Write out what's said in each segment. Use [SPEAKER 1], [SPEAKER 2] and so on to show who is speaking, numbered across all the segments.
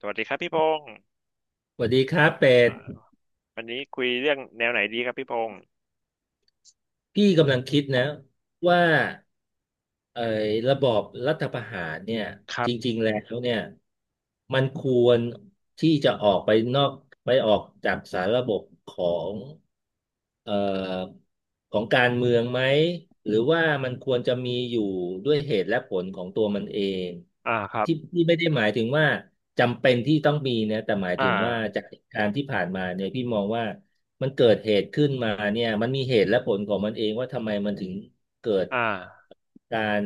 [SPEAKER 1] สวัสดีครับพี่พงศ์
[SPEAKER 2] สวัสดีครับเป็ด
[SPEAKER 1] อ่าวันนี้คุยเรื่องแนวไหนดีครับพี่พงศ์
[SPEAKER 2] พี่กำลังคิดนะว่าเอ่อระบอบรัฐประหารเนี่ย
[SPEAKER 1] ครั
[SPEAKER 2] จ
[SPEAKER 1] บ
[SPEAKER 2] ริงๆแล้วเนี่ยมันควรที่จะออกไปนอกไปออกจากสารระบบของเอ่อของการเมืองไหมหรือว่ามันควรจะมีอยู่ด้วยเหตุและผลของตัวมันเอง
[SPEAKER 1] อ่าครับ
[SPEAKER 2] ที่ที่ไม่ได้หมายถึงว่าจำเป็นที่ต้องมีนะแต่หมาย
[SPEAKER 1] อ่
[SPEAKER 2] ถึงว่า
[SPEAKER 1] า
[SPEAKER 2] จากเหตุการณ์ที่ผ่านมาเนี่ยพี่มองว่า มันเกิดเหตุขึ้นมาเนี่ยมันมีเหตุและผลของมันเองว่าทำไมมันถึงเกิด
[SPEAKER 1] อ่า
[SPEAKER 2] การ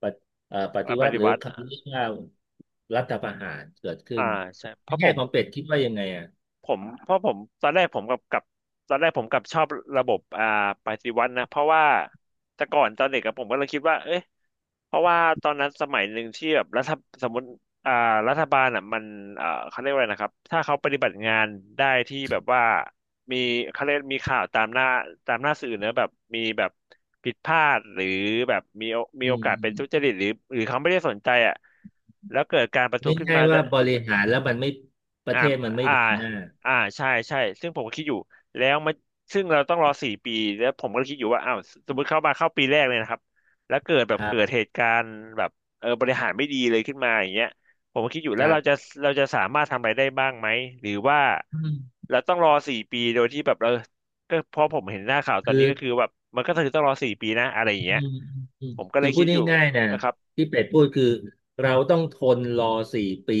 [SPEAKER 2] ปฏิปฏิ
[SPEAKER 1] ป
[SPEAKER 2] วัติ
[SPEAKER 1] ฏิ
[SPEAKER 2] หรือ
[SPEAKER 1] วัติ
[SPEAKER 2] คำเรียกว่ารัฐประหารเกิดขึ้
[SPEAKER 1] อ่า
[SPEAKER 2] น
[SPEAKER 1] ใช่เพ
[SPEAKER 2] ใน
[SPEAKER 1] ราะผ
[SPEAKER 2] แง่
[SPEAKER 1] ม
[SPEAKER 2] ของเป็ดคิดว่ายังไงอ่ะ
[SPEAKER 1] ผมเพราะผมตอนแรกผมกับตอนแรกผมกับชอบระบบอ่าปฏิวัตินะ เพราะว่าแต่ก่อนตอนเด็กกับผมก็เลยคิดว่าเอ๊ะ เพราะว่าตอนนั้นสมัยหนึ่งที่แบบรัฐสมมติอ่ารัฐบาลอ่ะมันเขาเรียกว่าอะไรนะครับถ้าเขาปฏิบัติงานได้ที่แบบว่ามีเขาเรียกมีข่าวตามหน้าตามหน้าสื่อเนอะแบบมีแบบผิดพลาดหรือแบบมีโอมี
[SPEAKER 2] อื
[SPEAKER 1] โอกาสเป็นทุจ
[SPEAKER 2] ม
[SPEAKER 1] ริตหรือหรือเขาไม่ได้สนใจอ่ะแล้วเกิดการประท้วงขึ้น
[SPEAKER 2] ง่าย
[SPEAKER 1] มา
[SPEAKER 2] ๆว่าบริหารแล้วมันไม่ประ
[SPEAKER 1] อ่า
[SPEAKER 2] เทศมันไม่
[SPEAKER 1] อ่า
[SPEAKER 2] เดินหน้า
[SPEAKER 1] อ่าใช่ใช่ซึ่งผมก็คิดอยู่ แล้วมาซึ่งเราต้องรอสี่ปีแล้วผมก็คิดอยู่ว่าอ้าวสมมติเข้ามาเข้าปีแรกเลยนะครับแล้วเกิดแบ
[SPEAKER 2] ค
[SPEAKER 1] บ
[SPEAKER 2] รั
[SPEAKER 1] เกิดเห
[SPEAKER 2] บ
[SPEAKER 1] ตุการณ์แบบเออบริหารไม่ดีเลยขึ้นมาอย่างเงี้ยผมก็คิดอยู่
[SPEAKER 2] ค
[SPEAKER 1] แล้ว
[SPEAKER 2] รั
[SPEAKER 1] เราจะ
[SPEAKER 2] บ
[SPEAKER 1] เราจะสามารถทำอะไรได้บ้างไหมหรือว่า
[SPEAKER 2] อืม
[SPEAKER 1] เราต้องรอสี่ปีโดยที่แบบเออก็เพราะผมเห็นหน้าข่าวตอน
[SPEAKER 2] คื
[SPEAKER 1] นี้
[SPEAKER 2] อ
[SPEAKER 1] ก็คือแบบมันก็คือต้องรอสี่ปีนะอะไรอย่า
[SPEAKER 2] อื
[SPEAKER 1] งเงี้ย
[SPEAKER 2] มอืม
[SPEAKER 1] ผมก็เล
[SPEAKER 2] คือ
[SPEAKER 1] ย
[SPEAKER 2] พู
[SPEAKER 1] คิ
[SPEAKER 2] ด
[SPEAKER 1] ดอยู่
[SPEAKER 2] ง่ายๆนะ
[SPEAKER 1] นะครับ
[SPEAKER 2] ที่เป็ดพูดคือเราต้องทนรอสี่ปี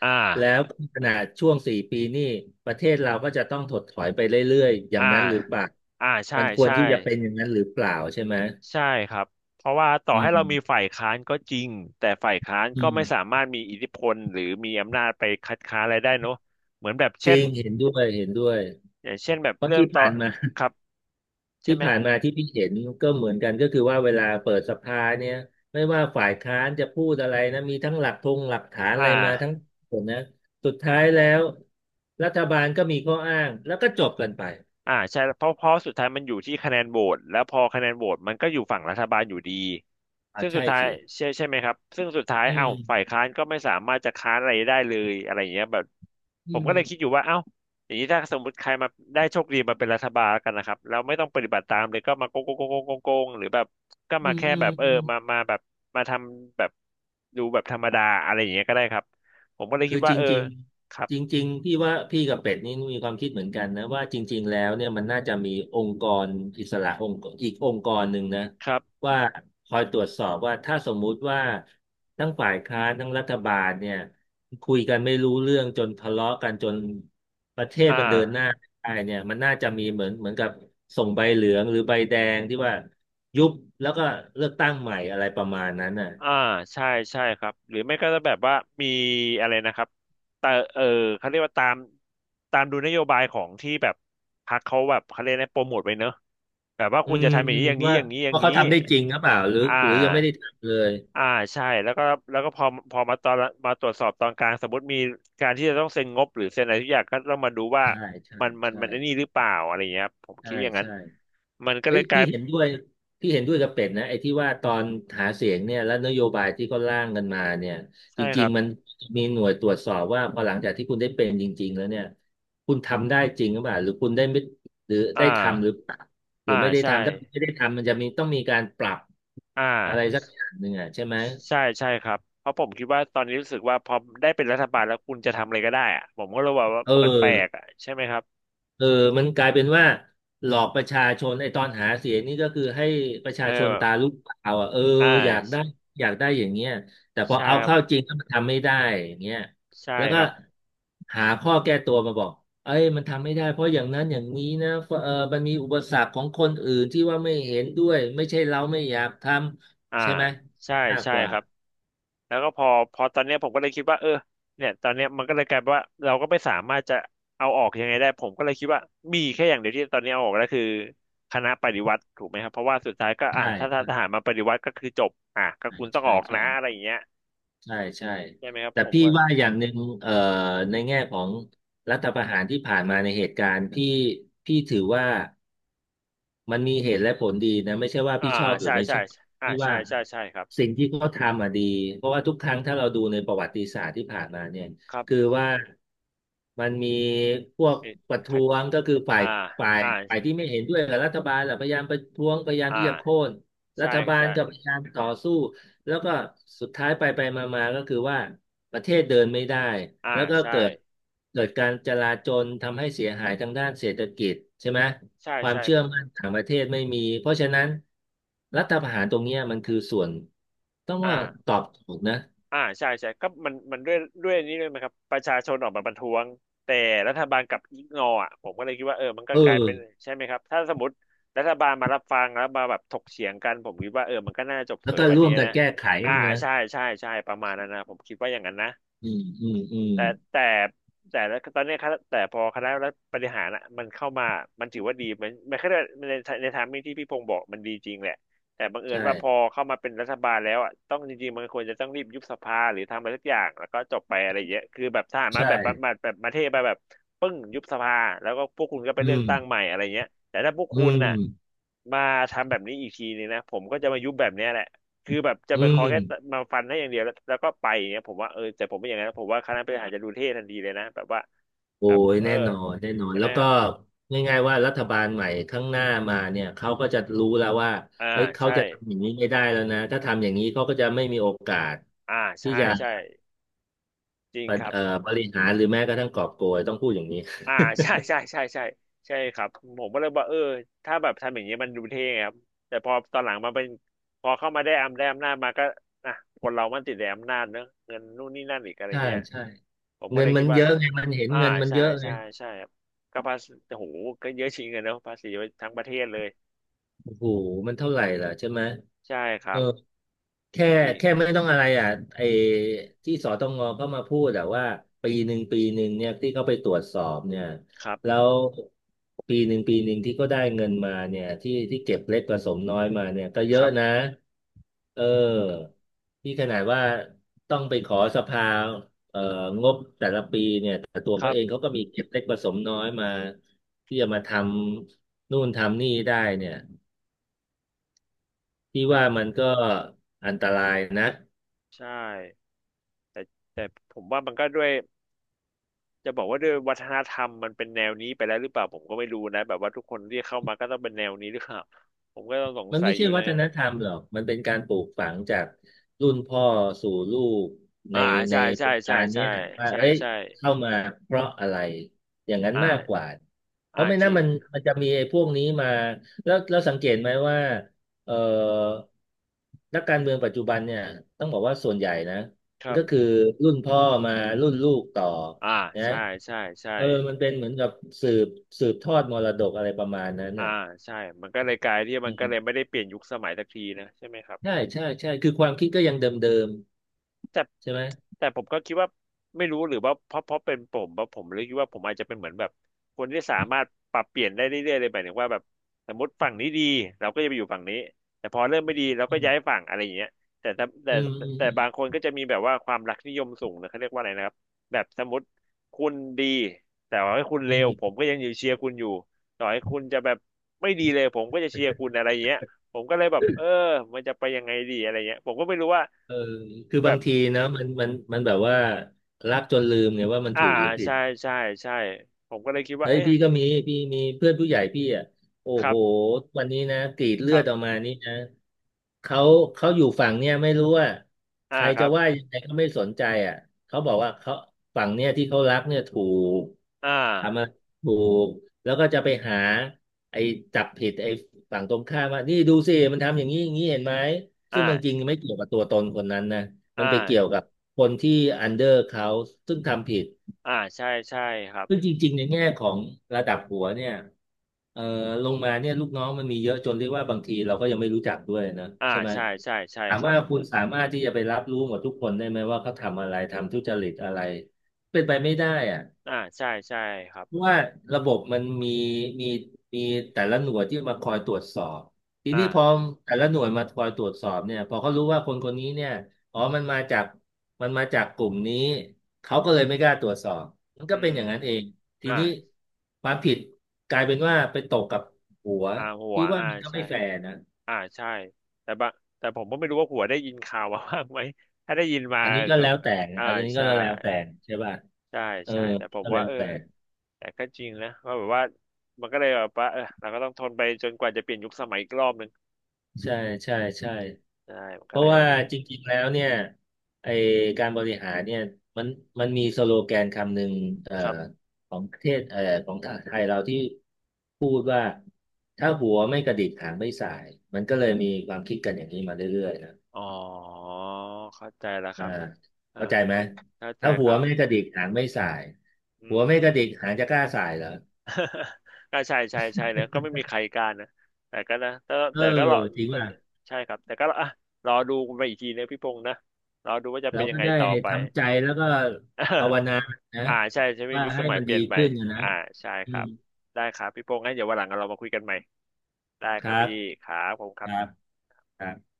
[SPEAKER 1] อ่
[SPEAKER 2] แล้ว
[SPEAKER 1] า
[SPEAKER 2] ขนาดช่วงสี่ปีนี่ประเทศเราก็จะต้องถดถอยไปเรื่อยๆอย่า
[SPEAKER 1] อ่า
[SPEAKER 2] งนั้นหรือเปล่า
[SPEAKER 1] อ่าใช่
[SPEAKER 2] มันควร
[SPEAKER 1] ใช่
[SPEAKER 2] ที่จะเป็นอย่างนั้นหรือเปล่าใช่ไหม
[SPEAKER 1] ใช่ครับเพราะว่าต่อ
[SPEAKER 2] อื
[SPEAKER 1] ให้เรามี
[SPEAKER 2] ม
[SPEAKER 1] ฝ่ายค้านก็จริงแต่ฝ่ายค้าน
[SPEAKER 2] อื
[SPEAKER 1] ก็
[SPEAKER 2] ม
[SPEAKER 1] ไม่สามารถมีอิทธิพลหรือมีอำนาจไปคัดค้านอะไรได้เนอะเหมือนแบบ
[SPEAKER 2] จ
[SPEAKER 1] เช่
[SPEAKER 2] ริ
[SPEAKER 1] น
[SPEAKER 2] งเห็นด้วยเห็นด้วย
[SPEAKER 1] อย่างเช่นแบบ
[SPEAKER 2] เพราะ
[SPEAKER 1] เรื่อง
[SPEAKER 2] ที่
[SPEAKER 1] ต่อ
[SPEAKER 2] ผ่านมา
[SPEAKER 1] ครับใช่
[SPEAKER 2] ที่
[SPEAKER 1] ไหม
[SPEAKER 2] ผ่านมาที่พี่เห็นก็เหมือนกันก็คือว่าเวลาเปิดสภาเนี่ยไม่ว่าฝ่ายค้านจะพูดอะไรนะมีทั้งหลักธงหลักฐานอะ
[SPEAKER 1] อ่า
[SPEAKER 2] ไรมาทั้งหมดนะสุดท้าย
[SPEAKER 1] ใช่
[SPEAKER 2] แล้วรัฐบาลก็มีข้ออ้างแล้วก็จบกันไป
[SPEAKER 1] อ่าใช่เพราะสุดท้ายมันอยู่ที่คะแนนโหวตแล้วพอคะแนนโหวตมันก็อยู่ฝั่งรัฐบาลอยู่ดี
[SPEAKER 2] อ่า
[SPEAKER 1] ซึ่งสุ
[SPEAKER 2] ใช่
[SPEAKER 1] ดท้าย
[SPEAKER 2] สิ
[SPEAKER 1] ใช่ใช่ไหมครับซึ่งสุดท้าย
[SPEAKER 2] อื
[SPEAKER 1] เอ้าฝ่าย
[SPEAKER 2] ม
[SPEAKER 1] ค้านก็ไม่สามารถจะค้านอะไรได้เลยอะไรอย่างเงี้ยแบบ
[SPEAKER 2] อื
[SPEAKER 1] ผมก็เลยคิดอ
[SPEAKER 2] ม
[SPEAKER 1] ยู่ว่าเอ้าอย่างนี้ถ้าสมมติใครมาได้โชคดีมาเป็นรัฐบาลแล้วกันนะครับแล้วไม่ต้องปฏิบัติตามเลยก็มาโกงโกงโกงโกงโกงหรือแบบก็
[SPEAKER 2] อื
[SPEAKER 1] มา
[SPEAKER 2] ม
[SPEAKER 1] แค่
[SPEAKER 2] อื
[SPEAKER 1] แบ
[SPEAKER 2] ม
[SPEAKER 1] บเออ
[SPEAKER 2] อืม
[SPEAKER 1] มาแบบมาทำแบบดูแบบธรรมดาอะไรอย่างเงี้ยก็ได้ครับผมก็เลย
[SPEAKER 2] คื
[SPEAKER 1] คิ
[SPEAKER 2] อ
[SPEAKER 1] ด
[SPEAKER 2] จ
[SPEAKER 1] ว่าเออ
[SPEAKER 2] ริง
[SPEAKER 1] ครับ
[SPEAKER 2] ๆจริงๆพี่ว่าพี่กับเป็ดนี่มีความคิดเหมือนกันนะว่าจริงๆแล้วเนี่ยมันน่าจะมีองค์กรอิสระองค์อีกองค์กรหนึ่งนะ
[SPEAKER 1] ครับ
[SPEAKER 2] ว่าคอยตรวจสอบว่าถ้าสมมุติว่าทั้งฝ่ายค้านทั้งรัฐบาลเนี่ยคุยกันไม่รู้เรื่องจนทะเลาะกันจนประเทศ
[SPEAKER 1] อ่า
[SPEAKER 2] มันเดินหน้าไม่ได้เนี่ยมันน่าจะมีเหมือนกับส่งใบเหลืองหรือใบแดงที่ว่ายุบแล้วก็เลือกตั้งใหม่อะไรประมาณนั้นน่ะ
[SPEAKER 1] อ่าใช่ใช่ครับหรือไม่ก็จะแบบว่ามีอะไรนะครับแต่เออเขาเรียกว่าตามดูนโยบายของที่แบบพรรคเขาแบบเขาเรียกนะโปรโมทไว้เนอะแบบว่า
[SPEAKER 2] อื
[SPEAKER 1] คุณ
[SPEAKER 2] ม
[SPEAKER 1] จะทำอย่า
[SPEAKER 2] อื
[SPEAKER 1] งนี้
[SPEAKER 2] ม
[SPEAKER 1] อย่างนี้
[SPEAKER 2] ว่า
[SPEAKER 1] อย่างนี้อย่าง
[SPEAKER 2] ว่าเขา
[SPEAKER 1] นี้
[SPEAKER 2] ทำได้จริงหรือเปล่าหรือ
[SPEAKER 1] อ่
[SPEAKER 2] หรือยังไม่ได้
[SPEAKER 1] า
[SPEAKER 2] ทำเลย
[SPEAKER 1] อ่าใช่แล้วก็แล้วก็พอมาตอนมาตรวจสอบตอนกลางสมมติมีการที่จะต้องเซ็นงบหรือเซ็นอะไรทุกอย่างก็ต้องมาดูว่า
[SPEAKER 2] ใช่ใช่
[SPEAKER 1] มันมัน
[SPEAKER 2] ใช่
[SPEAKER 1] มันไอ้นี่หรือเปล่าอะไรอย่างเงี้ยครับผม
[SPEAKER 2] ใช่
[SPEAKER 1] คิดอย่างนั้น
[SPEAKER 2] ใช่
[SPEAKER 1] มันก็
[SPEAKER 2] เอ้
[SPEAKER 1] เล
[SPEAKER 2] ย
[SPEAKER 1] ยกลา
[SPEAKER 2] พี่
[SPEAKER 1] ย
[SPEAKER 2] เห็นด้วยพี่เห็นด้วยกับเป็ดนะไอ้ที่ว่าตอนหาเสียงเนี่ยและนโยบายที่เขาร่างกันมาเนี่ยจ
[SPEAKER 1] ใช่ค
[SPEAKER 2] ริง
[SPEAKER 1] รับ
[SPEAKER 2] ๆมันมีหน่วยตรวจสอบว่าพอหลังจากที่คุณได้เป็นจริงๆแล้วเนี่ยคุณทำได้จริงหรือเปล่าหรือคุณได้ไม่หรือ
[SPEAKER 1] อ่
[SPEAKER 2] ได้ทำหรือ
[SPEAKER 1] า
[SPEAKER 2] เปล่าหรื
[SPEAKER 1] อ่า
[SPEAKER 2] อไม่ได้
[SPEAKER 1] ใช่
[SPEAKER 2] ทำถ้าคุณไม่ได้ทำมันจะมีต้องมีการปรับ
[SPEAKER 1] อ่
[SPEAKER 2] อะไรสัก
[SPEAKER 1] า
[SPEAKER 2] อย่างหนึ่งอ่ะใช่ไหม
[SPEAKER 1] ใช่ใช่ครับเพราะผมคิดว่าตอนนี้รู้สึกว่าพอได้เป็นรัฐบาลแล้วคุณจะทำอะไรก็ได้อะผมก็เลยว่า
[SPEAKER 2] เอ
[SPEAKER 1] มันแปลก
[SPEAKER 2] อ
[SPEAKER 1] อะใช่ไหมครับ
[SPEAKER 2] เออมันกลายเป็นว่าหลอกประชาชนไอ้ตอนหาเสียงนี่ก็คือให้ประชา
[SPEAKER 1] เออ
[SPEAKER 2] ชน
[SPEAKER 1] แบบ
[SPEAKER 2] ตาลุกวาวอ่ะเออ
[SPEAKER 1] อ่า
[SPEAKER 2] อยากได้อยากได้อย่างเงี้ยแต่พอ
[SPEAKER 1] ใช่
[SPEAKER 2] เอา
[SPEAKER 1] ครับ
[SPEAKER 2] เข้าจริงแล้วมันทำไม่ได้อย่างเงี้ย
[SPEAKER 1] ใช่
[SPEAKER 2] แล้วก็
[SPEAKER 1] ครับ
[SPEAKER 2] หาข้อแก้ตัวมาบอกเอ้ยมันทำไม่ได้เพราะอย่างนั้นอย่างนี้นะเพราะมันมีอุปสรรคของคนอื่นที่ว่าไม่เห็นด้วยไม่ใช่เราไม่อยากท
[SPEAKER 1] อ่า
[SPEAKER 2] ำใช่ไหม
[SPEAKER 1] ใช่
[SPEAKER 2] มาก
[SPEAKER 1] ใช่
[SPEAKER 2] กว่า
[SPEAKER 1] ครับแล้วก็พอพอตอนเนี้ยผมก็เลยคิดว่าเออเนี่ยตอนเนี้ยมันก็เลยกลายเป็นว่าเราก็ไม่สามารถจะเอาออกยังไงได้ผมก็เลยคิดว่ามีแค่อย่างเดียวที่ตอนนี้เอาออกก็คือคณะปฏิวัติถูกไหมครับเพราะว่าสุดท้ายก็อ่ะ
[SPEAKER 2] ใช่
[SPEAKER 1] ถ้า
[SPEAKER 2] ใช่
[SPEAKER 1] ทหารมาปฏิวัติก็คือจบอ่ะก็
[SPEAKER 2] ใช
[SPEAKER 1] คุณต้องอ
[SPEAKER 2] ่
[SPEAKER 1] อก
[SPEAKER 2] ใช่
[SPEAKER 1] นะอะไรอย่างเงี้ย
[SPEAKER 2] ใช่ใช่
[SPEAKER 1] ใช่ไหมครับ
[SPEAKER 2] แต่
[SPEAKER 1] ผม
[SPEAKER 2] พี่
[SPEAKER 1] ก็
[SPEAKER 2] ว่าอย่างหนึ่งเอ่อในแง่ของรัฐประหารที่ผ่านมาในเหตุการณ์พี่พี่ถือว่ามันมีเหตุและผลดีนะไม่ใช่ว่า
[SPEAKER 1] อ่า
[SPEAKER 2] พี่ชอบหรือ
[SPEAKER 1] ใช่
[SPEAKER 2] ไม่ช
[SPEAKER 1] ใช่
[SPEAKER 2] อบ
[SPEAKER 1] อ่า
[SPEAKER 2] พี่
[SPEAKER 1] ใช่
[SPEAKER 2] ว่า
[SPEAKER 1] ใช่ใช่ครับ
[SPEAKER 2] สิ่งที่เขาทำอ่ะดีเพราะว่าทุกครั้งถ้าเราดูในประวัติศาสตร์ที่ผ่านมาเนี่ย
[SPEAKER 1] ครั
[SPEAKER 2] คือ
[SPEAKER 1] บ
[SPEAKER 2] ว่ามันมีพวก
[SPEAKER 1] เอ็ด
[SPEAKER 2] ประ
[SPEAKER 1] คั
[SPEAKER 2] ท้
[SPEAKER 1] ด
[SPEAKER 2] วงก็คือ
[SPEAKER 1] อ่า
[SPEAKER 2] ฝ่าย
[SPEAKER 1] อ่า
[SPEAKER 2] ฝ่ายที่ไม่เห็นด้วยกับรัฐบาลแหละพยายามประท้วงพยายาม
[SPEAKER 1] อ่
[SPEAKER 2] ที่จะโค่
[SPEAKER 1] า
[SPEAKER 2] นรั
[SPEAKER 1] ใช่
[SPEAKER 2] ฐบาล
[SPEAKER 1] ใช่
[SPEAKER 2] ก็พยายามต่อสู้ แล้วก็สุดท้ายไปไปมามาก็คือว่าประเทศเดินไม่ได้
[SPEAKER 1] อ่า
[SPEAKER 2] แล้วก็
[SPEAKER 1] ใช่
[SPEAKER 2] เกิดการจลาจลทำให้เสียหายทางด้านเศรษฐกิจใช่ไหม
[SPEAKER 1] ใช่
[SPEAKER 2] ความ
[SPEAKER 1] ใช่
[SPEAKER 2] เชื่อมั่นต่างประเทศไม่มีเพราะฉะนั้นรัฐประหารตรงเนี้ยมันคือส่วนต้องว่า
[SPEAKER 1] อ่า
[SPEAKER 2] ตอบโจทย์นะ
[SPEAKER 1] อ่าใช่ใช่ก็มันด้วยด้วยนี้ด้วยไหมครับประชาชนออกมาประท้วงแต่รัฐบาลกลับอิกนออ่ะผมก็เลยคิดว่าเออมันก็
[SPEAKER 2] เอ
[SPEAKER 1] กลายเป็น
[SPEAKER 2] อ
[SPEAKER 1] ใช่ไหมครับถ้าสมมติรัฐบาลมารับฟังแล้วมาแบบถกเถียงกันผมคิดว่าเออมันก็น่าจะจบส
[SPEAKER 2] แล้ว
[SPEAKER 1] วย
[SPEAKER 2] ก็
[SPEAKER 1] กว่า
[SPEAKER 2] ร่
[SPEAKER 1] นี้
[SPEAKER 2] วมกัน
[SPEAKER 1] นะ
[SPEAKER 2] แก้ไข
[SPEAKER 1] อ่า
[SPEAKER 2] ด้วยนะ
[SPEAKER 1] ใช่ใช่ใช่ประมาณนั้นนะผมคิดว่าอย่างนั้นนะ
[SPEAKER 2] อืมอืมอืม
[SPEAKER 1] แต่แต่แต่แล้วตอนนี้คณะพอคณะรัฐบริหารอ่ะมันเข้ามามันถือว่าดีมันแค่ได้ในในทางที่พี่พงศ์บอกมันดีจริงแหละแต่บังเอิญ
[SPEAKER 2] ใช่
[SPEAKER 1] ว่าพอเข้ามาเป็นรัฐบาลแล้วอ่ะต้องจริงๆมันควรจะต้องรีบยุบสภาหรือทำอะไรสักอย่างแล้วก็จบไปอะไรเงี้ยคือแบบทหารมา
[SPEAKER 2] ใช่
[SPEAKER 1] แบบมาแบบมาเทไปแบบปึ้งยุบสภาแล้วก็พวกคุณก็ไป
[SPEAKER 2] อื
[SPEAKER 1] เลือก
[SPEAKER 2] ม
[SPEAKER 1] ตั้งใหม่อะไรเงี้ยแต่ถ้าพวก
[SPEAKER 2] อื
[SPEAKER 1] คุณ
[SPEAKER 2] ม
[SPEAKER 1] น่ะมาทำแบบนี้อีกทีนึงนะผมก็จะมายุบแบบเนี้ยแหละ คือแบบจะ
[SPEAKER 2] อื
[SPEAKER 1] ไปขอแค่
[SPEAKER 2] ม
[SPEAKER 1] มาฟันให้อย่างเดียวแล้วก็ไปอย่างเงี้ยผมว่าเออแต่ผมไม่อย่างนั้นนะผมว่าคณะบริหารจะดูเท่ทันทีเลยนะแบบว่า
[SPEAKER 2] โอ้
[SPEAKER 1] แบบ
[SPEAKER 2] ย
[SPEAKER 1] เออ
[SPEAKER 2] แน่นอนแน่นอน
[SPEAKER 1] ใช่ไห
[SPEAKER 2] แล้
[SPEAKER 1] ม
[SPEAKER 2] ว
[SPEAKER 1] ค
[SPEAKER 2] ก็
[SPEAKER 1] รับ
[SPEAKER 2] ง่ายๆว่ารัฐบาลใหม่ข้างหน้ามาเนี่ยเขาก็จะรู้แล้วว่า
[SPEAKER 1] อ่า
[SPEAKER 2] เอ้ยเขา
[SPEAKER 1] ใช่
[SPEAKER 2] จะทำอย่างนี้ไม่ได้แล้วนะถ้าทำอย่างนี้เขาก็จะไม่มีโอกาส
[SPEAKER 1] อ่าใช่
[SPEAKER 2] ที่จะ
[SPEAKER 1] ใช่จริง
[SPEAKER 2] ปะ
[SPEAKER 1] ครับ
[SPEAKER 2] เอ่อบริหารหรือแม้กระทั่งกอบโกยต้องพูดอย่างนี้
[SPEAKER 1] อ่าใช่ใช่ใช่ใช่ใช่ครับผมก็เลยบอกเออถ้าแบบทำอย่างเงี้ยมันดูเท่ไงครับแต่พอตอนหลังมาเป็นพอเข้ามาได้อำนาจมาก็นะคนเรามันติดแต่อำนาจเนอะเงินนู่นนี่นั่นอีกอะไร
[SPEAKER 2] ใช่
[SPEAKER 1] เงี้ย
[SPEAKER 2] ใช่
[SPEAKER 1] ผมก็
[SPEAKER 2] เงิ
[SPEAKER 1] เล
[SPEAKER 2] น
[SPEAKER 1] ย
[SPEAKER 2] มั
[SPEAKER 1] คิ
[SPEAKER 2] น
[SPEAKER 1] ด
[SPEAKER 2] เย
[SPEAKER 1] ว่า
[SPEAKER 2] อะไงมันเห็น
[SPEAKER 1] อ่า
[SPEAKER 2] เงินมัน
[SPEAKER 1] ใช่
[SPEAKER 2] เยอะไง
[SPEAKER 1] ใช่ใช่ครับก็ภาษีโอ้โหก็เยอะจริงอเนอะภาษีไว้ทั้งประเทศเลย
[SPEAKER 2] โอ้โหมันเท่าไหร่ล่ะใช่ไหม
[SPEAKER 1] ใช่ครั
[SPEAKER 2] เออ
[SPEAKER 1] บ
[SPEAKER 2] แค่
[SPEAKER 1] จริง
[SPEAKER 2] แค่ไม่ต้องอะไรอ่ะไอ้ที่สตงก็มาพูดแต่ว่าปีหนึ่งปีหนึ่งเนี่ยที่เขาไปตรวจสอบเนี่ย
[SPEAKER 1] ครั
[SPEAKER 2] แล้
[SPEAKER 1] บ
[SPEAKER 2] วปีหนึ่งปีหนึ่งที่เขาได้เงินมาเนี่ยที่เก็บเล็กผสมน้อยมาเนี่ยก็เย
[SPEAKER 1] ครั
[SPEAKER 2] อะนะ
[SPEAKER 1] บ
[SPEAKER 2] เ
[SPEAKER 1] อืม
[SPEAKER 2] ออที่ขนาดว่าต้องไปขอสภาเอ่องบแต่ละปีเนี่ยแต่ตัว
[SPEAKER 1] ค
[SPEAKER 2] เขา
[SPEAKER 1] รับ
[SPEAKER 2] เองเขาก็มีเก็บเล็กผสมน้อยมาที่จะมาทำนู่นทำนี่ได้เนี่ยที่ว่า
[SPEAKER 1] แต่
[SPEAKER 2] มันก็อันตรายนะ
[SPEAKER 1] ใช่แต่แต่ผมว่ามันก็ด้วยจะบอกว่าด้วยวัฒนธรรมมันเป็นแนวนี้ไปแล้วหรือเปล่าผมก็ไม่รู้นะแบบว่าทุกคนที่เข้ามาก็ต้องเป็นแนวนี้หรือเปล่าผมก็ต้องสง
[SPEAKER 2] มัน
[SPEAKER 1] สั
[SPEAKER 2] ไม่
[SPEAKER 1] ยอ
[SPEAKER 2] ใช่
[SPEAKER 1] ยู่
[SPEAKER 2] วั
[SPEAKER 1] นะ
[SPEAKER 2] ฒนธรรมหรอกมันเป็นการปลูกฝังจากรุ่นพ่อสู่ลูกใน
[SPEAKER 1] อ่า
[SPEAKER 2] ใน
[SPEAKER 1] ใช่
[SPEAKER 2] ว
[SPEAKER 1] ใช่
[SPEAKER 2] ง
[SPEAKER 1] ใช่
[SPEAKER 2] การ
[SPEAKER 1] ใช่
[SPEAKER 2] เนี้ยว่า
[SPEAKER 1] ใช่
[SPEAKER 2] เอ้ย
[SPEAKER 1] ใช่
[SPEAKER 2] เข้ามาเพราะอะไรอย่างนั้นมากกว่า
[SPEAKER 1] อ่า
[SPEAKER 2] เพ
[SPEAKER 1] อ่า
[SPEAKER 2] ราะไม่
[SPEAKER 1] จ
[SPEAKER 2] นั้
[SPEAKER 1] ริ
[SPEAKER 2] น
[SPEAKER 1] ง
[SPEAKER 2] มันจะมีไอ้พวกนี้มาแล้วสังเกตไหมว่าเอ่อนักการเมืองปัจจุบันเนี่ยต้องบอกว่าส่วนใหญ่นะ
[SPEAKER 1] ค
[SPEAKER 2] มั
[SPEAKER 1] รั
[SPEAKER 2] น
[SPEAKER 1] บ
[SPEAKER 2] ก็คือรุ่นพ่อมารุ่นลูกต่อ
[SPEAKER 1] อ่า
[SPEAKER 2] นะ
[SPEAKER 1] ใช่ใช่ใช่
[SPEAKER 2] เออมันเป็นเหมือนกับสืบสืบทอดมรดกอะไรประมาณนั้น
[SPEAKER 1] อ่า
[SPEAKER 2] น่ะ
[SPEAKER 1] ใช่ มันก็เลยกลายที่
[SPEAKER 2] อื
[SPEAKER 1] มันก็เลย
[SPEAKER 2] ม
[SPEAKER 1] ไม่ได้เปลี่ยนยุคสมัยสักทีนะใช่ไหมครับ
[SPEAKER 2] ใช่ใช่ใช่คือความคิดก็ยังเดิม
[SPEAKER 1] แต่
[SPEAKER 2] ๆใช่ไหม
[SPEAKER 1] แต่ผมก็คิดว่าไม่รู้หรือว่าเพราะเป็นผมเพราะผมเลยคิดว่าผมอาจจะเป็นเหมือนแบบคนที่สามารถปรับเปลี่ยนได้เรื่อยๆเลยหมายถึงว่าแบบสมมติฝั่งนี้ดีเราก็จะไปอยู่ฝั่งนี้แต่พอเริ่มไม่ดีเรา
[SPEAKER 2] อื
[SPEAKER 1] ก็ย้าย
[SPEAKER 2] ม
[SPEAKER 1] ฝั่งอะไรอย่างเงี้ยแต่ถ้าแต่
[SPEAKER 2] อืม
[SPEAKER 1] แต่
[SPEAKER 2] อืม
[SPEAKER 1] แต่
[SPEAKER 2] อืม
[SPEAKER 1] บางคนก็จะมีแบบว่าความรักนิยมสูงนะเขาเรียกว่าอะไรนะครับแบบสมมติคุณดีแต่ว่าให้คุณเลวผมก็ยังอยู่เชียร์คุณอยู่ต่อให้คุณจะแบบไม่ดีเลยผมก็จะเชียร์คุณอะไรอย่างเงี้ยผมก็เลยแบบเออ
[SPEAKER 2] อ
[SPEAKER 1] มันจะไปยังไงดีอะไรเงี้ยผมก็ไม่รู้ว่า
[SPEAKER 2] เออคือ
[SPEAKER 1] แบ
[SPEAKER 2] บา
[SPEAKER 1] บ
[SPEAKER 2] งทีนะมันแบบว่ารักจนลืมไงว่ามัน
[SPEAKER 1] อ่า
[SPEAKER 2] ถูกหรือผิด
[SPEAKER 1] ใช่ใช่ใช่ผมก็เลยคิดว่า
[SPEAKER 2] เฮ้ย
[SPEAKER 1] เอ๊ะ
[SPEAKER 2] พี่ก็มีพี่มีเพื่อนผู้ใหญ่พี่อ่ะโอ้
[SPEAKER 1] ครั
[SPEAKER 2] โห
[SPEAKER 1] บ
[SPEAKER 2] วันนี้นะกรีดเลื
[SPEAKER 1] ค
[SPEAKER 2] อ
[SPEAKER 1] รั
[SPEAKER 2] ด
[SPEAKER 1] บ
[SPEAKER 2] ออกมานี่นะเขาเขาอยู่ฝั่งเนี่ยไม่รู้ว่าใค
[SPEAKER 1] อ่า
[SPEAKER 2] ร
[SPEAKER 1] ค
[SPEAKER 2] จะ
[SPEAKER 1] รับ
[SPEAKER 2] ว่ายังไงก็ไม่สนใจอ่ะเขาบอกว่าเขาฝั่งเนี่ยที่เขารักเนี่ยถูก
[SPEAKER 1] อ่
[SPEAKER 2] ทำมา
[SPEAKER 1] า
[SPEAKER 2] ถูกแล้วก็จะไปหาไอ้จับผิดไอ้ฝั่งตรงข้ามว่านี่ดูสิมันทำอย่างนี้อย่างนี้เห็นไหมซึ่งมันจริง
[SPEAKER 1] อ่า
[SPEAKER 2] ไม่เกี่ยวกับตัวตนคนนั้นนะมั
[SPEAKER 1] อ่
[SPEAKER 2] นไปเกี่ยว
[SPEAKER 1] า
[SPEAKER 2] กับคนที่อันเดอร์เขาซึ่งทำผิด
[SPEAKER 1] อ่าใช่ใช่ครับ
[SPEAKER 2] ซึ่งจริงๆในแง่ของระดับหัวเนี่ยเอ่อลงมาเนี่ยลูกน้องมันมีเยอะจนเรียกว่าบางทีเราก็ยังไม่รู้จักด้วยนะ
[SPEAKER 1] อ่า
[SPEAKER 2] ใช่ไหม
[SPEAKER 1] ใช่ใช่ใช่
[SPEAKER 2] ถาม
[SPEAKER 1] ครั
[SPEAKER 2] ว่า
[SPEAKER 1] บ
[SPEAKER 2] คุณสามารถที่จะไปรับรู้หมดทุกคนได้ไหมว่าเขาทำอะไรทำทุจริตอะไรเป็นไปไม่ได้อ่ะ
[SPEAKER 1] อ่าใช่ใช่ครับ
[SPEAKER 2] เพราะว่าระบบมันมีมีมีแต่ละหน่วยที่มาคอยตรวจสอบทีนี้พอ
[SPEAKER 1] อ่า
[SPEAKER 2] แต่ละหน่วยมาคอยตรวจสอบเนี่ยพอเขารู้ว่าคนคนนี้เนี่ยอ๋อมันมาจากกลุ่มนี้เขาก็เลยไม่กล้าตรวจสอบมัน
[SPEAKER 1] อื
[SPEAKER 2] ก็เป็
[SPEAKER 1] ม
[SPEAKER 2] นอย่าง
[SPEAKER 1] อืม
[SPEAKER 2] นั้นเองที
[SPEAKER 1] อ่า
[SPEAKER 2] นี้ความผิดกลายเป็นว่าไปตกกับหัว
[SPEAKER 1] อ่าหัว
[SPEAKER 2] ที่ว่า
[SPEAKER 1] อ่า
[SPEAKER 2] มันก็
[SPEAKER 1] ใช่
[SPEAKER 2] ไม่แฟร์นะ
[SPEAKER 1] อ่าใช่แต่บะแต่ผมก็ไม่รู้ว่าหัวได้ยินข่าวมาบ้างไหม ถ้าได้ยินมา
[SPEAKER 2] อันนี้ก็
[SPEAKER 1] ก็
[SPEAKER 2] แล้วแต่นะ
[SPEAKER 1] อ่า
[SPEAKER 2] อันนี้ก็
[SPEAKER 1] ใช่
[SPEAKER 2] แล้วแต่ใช่ป่ะ
[SPEAKER 1] ใช่
[SPEAKER 2] เออ
[SPEAKER 1] ใช่แต่ผม
[SPEAKER 2] ก็แล้
[SPEAKER 1] ว่า
[SPEAKER 2] ว
[SPEAKER 1] เออ
[SPEAKER 2] แต่
[SPEAKER 1] แต่ก็จริงนะว่าแบบว่ามันก็เลยแบบว่าเออเราก็ต้องทนไปจนกว่าจะเปลี่ยนยุคสมัยอีกรอบหนึ่ง
[SPEAKER 2] ใช่ใช่ใช่
[SPEAKER 1] ใช่มัน
[SPEAKER 2] เพ
[SPEAKER 1] ก็เล
[SPEAKER 2] ราะ
[SPEAKER 1] ยอ
[SPEAKER 2] ว่า
[SPEAKER 1] ย่างงี้
[SPEAKER 2] จริงๆแล้วเนี่ยไอการบริหารเนี่ยมันมันมีสโลแกนคำหนึ่งเอ่อ
[SPEAKER 1] ครับ
[SPEAKER 2] ของประเทศของไทยเราที่พูดว่าถ้าหัวไม่กระดิกหางไม่ส่ายมันก็เลยมีความคิดกันอย่างนี้มาเรื่อยๆนะ
[SPEAKER 1] อ๋อเข้าใจแล้วค
[SPEAKER 2] อ่า
[SPEAKER 1] รับอ่า
[SPEAKER 2] เข้าใจไหม
[SPEAKER 1] แต่เข้าใจ
[SPEAKER 2] ถ้า
[SPEAKER 1] ค
[SPEAKER 2] หัว
[SPEAKER 1] รับ
[SPEAKER 2] ไม่กระดิกหางไม่ส่าย
[SPEAKER 1] อื
[SPEAKER 2] หัวไม่ก
[SPEAKER 1] ม
[SPEAKER 2] ระดิกหางจะกล้าส่ายเหรอ
[SPEAKER 1] ก็ใช่ใช่ใช่เนี่ยก็ไม่มีใครกล้านะแต่ก็นะแต่
[SPEAKER 2] เออ
[SPEAKER 1] แต่ก็รอ
[SPEAKER 2] จริง
[SPEAKER 1] แต่
[SPEAKER 2] ป่ะ
[SPEAKER 1] ใช่ครับแต่ก็รออ่ะรอดูกันไปอีกทีนะพี่พงษ์นะรอดูว่าจะ
[SPEAKER 2] เรา
[SPEAKER 1] เป็นยั
[SPEAKER 2] ก็
[SPEAKER 1] งไง
[SPEAKER 2] ได้
[SPEAKER 1] ต่อไป
[SPEAKER 2] ทำใจแล้วก็ภาว นานะ
[SPEAKER 1] อ่าใช่ใช่ไหม
[SPEAKER 2] ว่า
[SPEAKER 1] ยุคส
[SPEAKER 2] ให้
[SPEAKER 1] มัย
[SPEAKER 2] มัน
[SPEAKER 1] เป
[SPEAKER 2] ดี
[SPEAKER 1] ลี่ยนไป
[SPEAKER 2] ขึ้นนะนะ
[SPEAKER 1] อ่าใช่
[SPEAKER 2] อื
[SPEAKER 1] ครั
[SPEAKER 2] ม
[SPEAKER 1] บได้ครับพี่พงษ์งั้นเดี๋ยววันหลังเรามาคุยกันใหม่ได้
[SPEAKER 2] ค
[SPEAKER 1] ครั
[SPEAKER 2] รั
[SPEAKER 1] บ
[SPEAKER 2] บ
[SPEAKER 1] พี่ครับผมค
[SPEAKER 2] ค
[SPEAKER 1] รั
[SPEAKER 2] รับ
[SPEAKER 1] บ
[SPEAKER 2] ครับ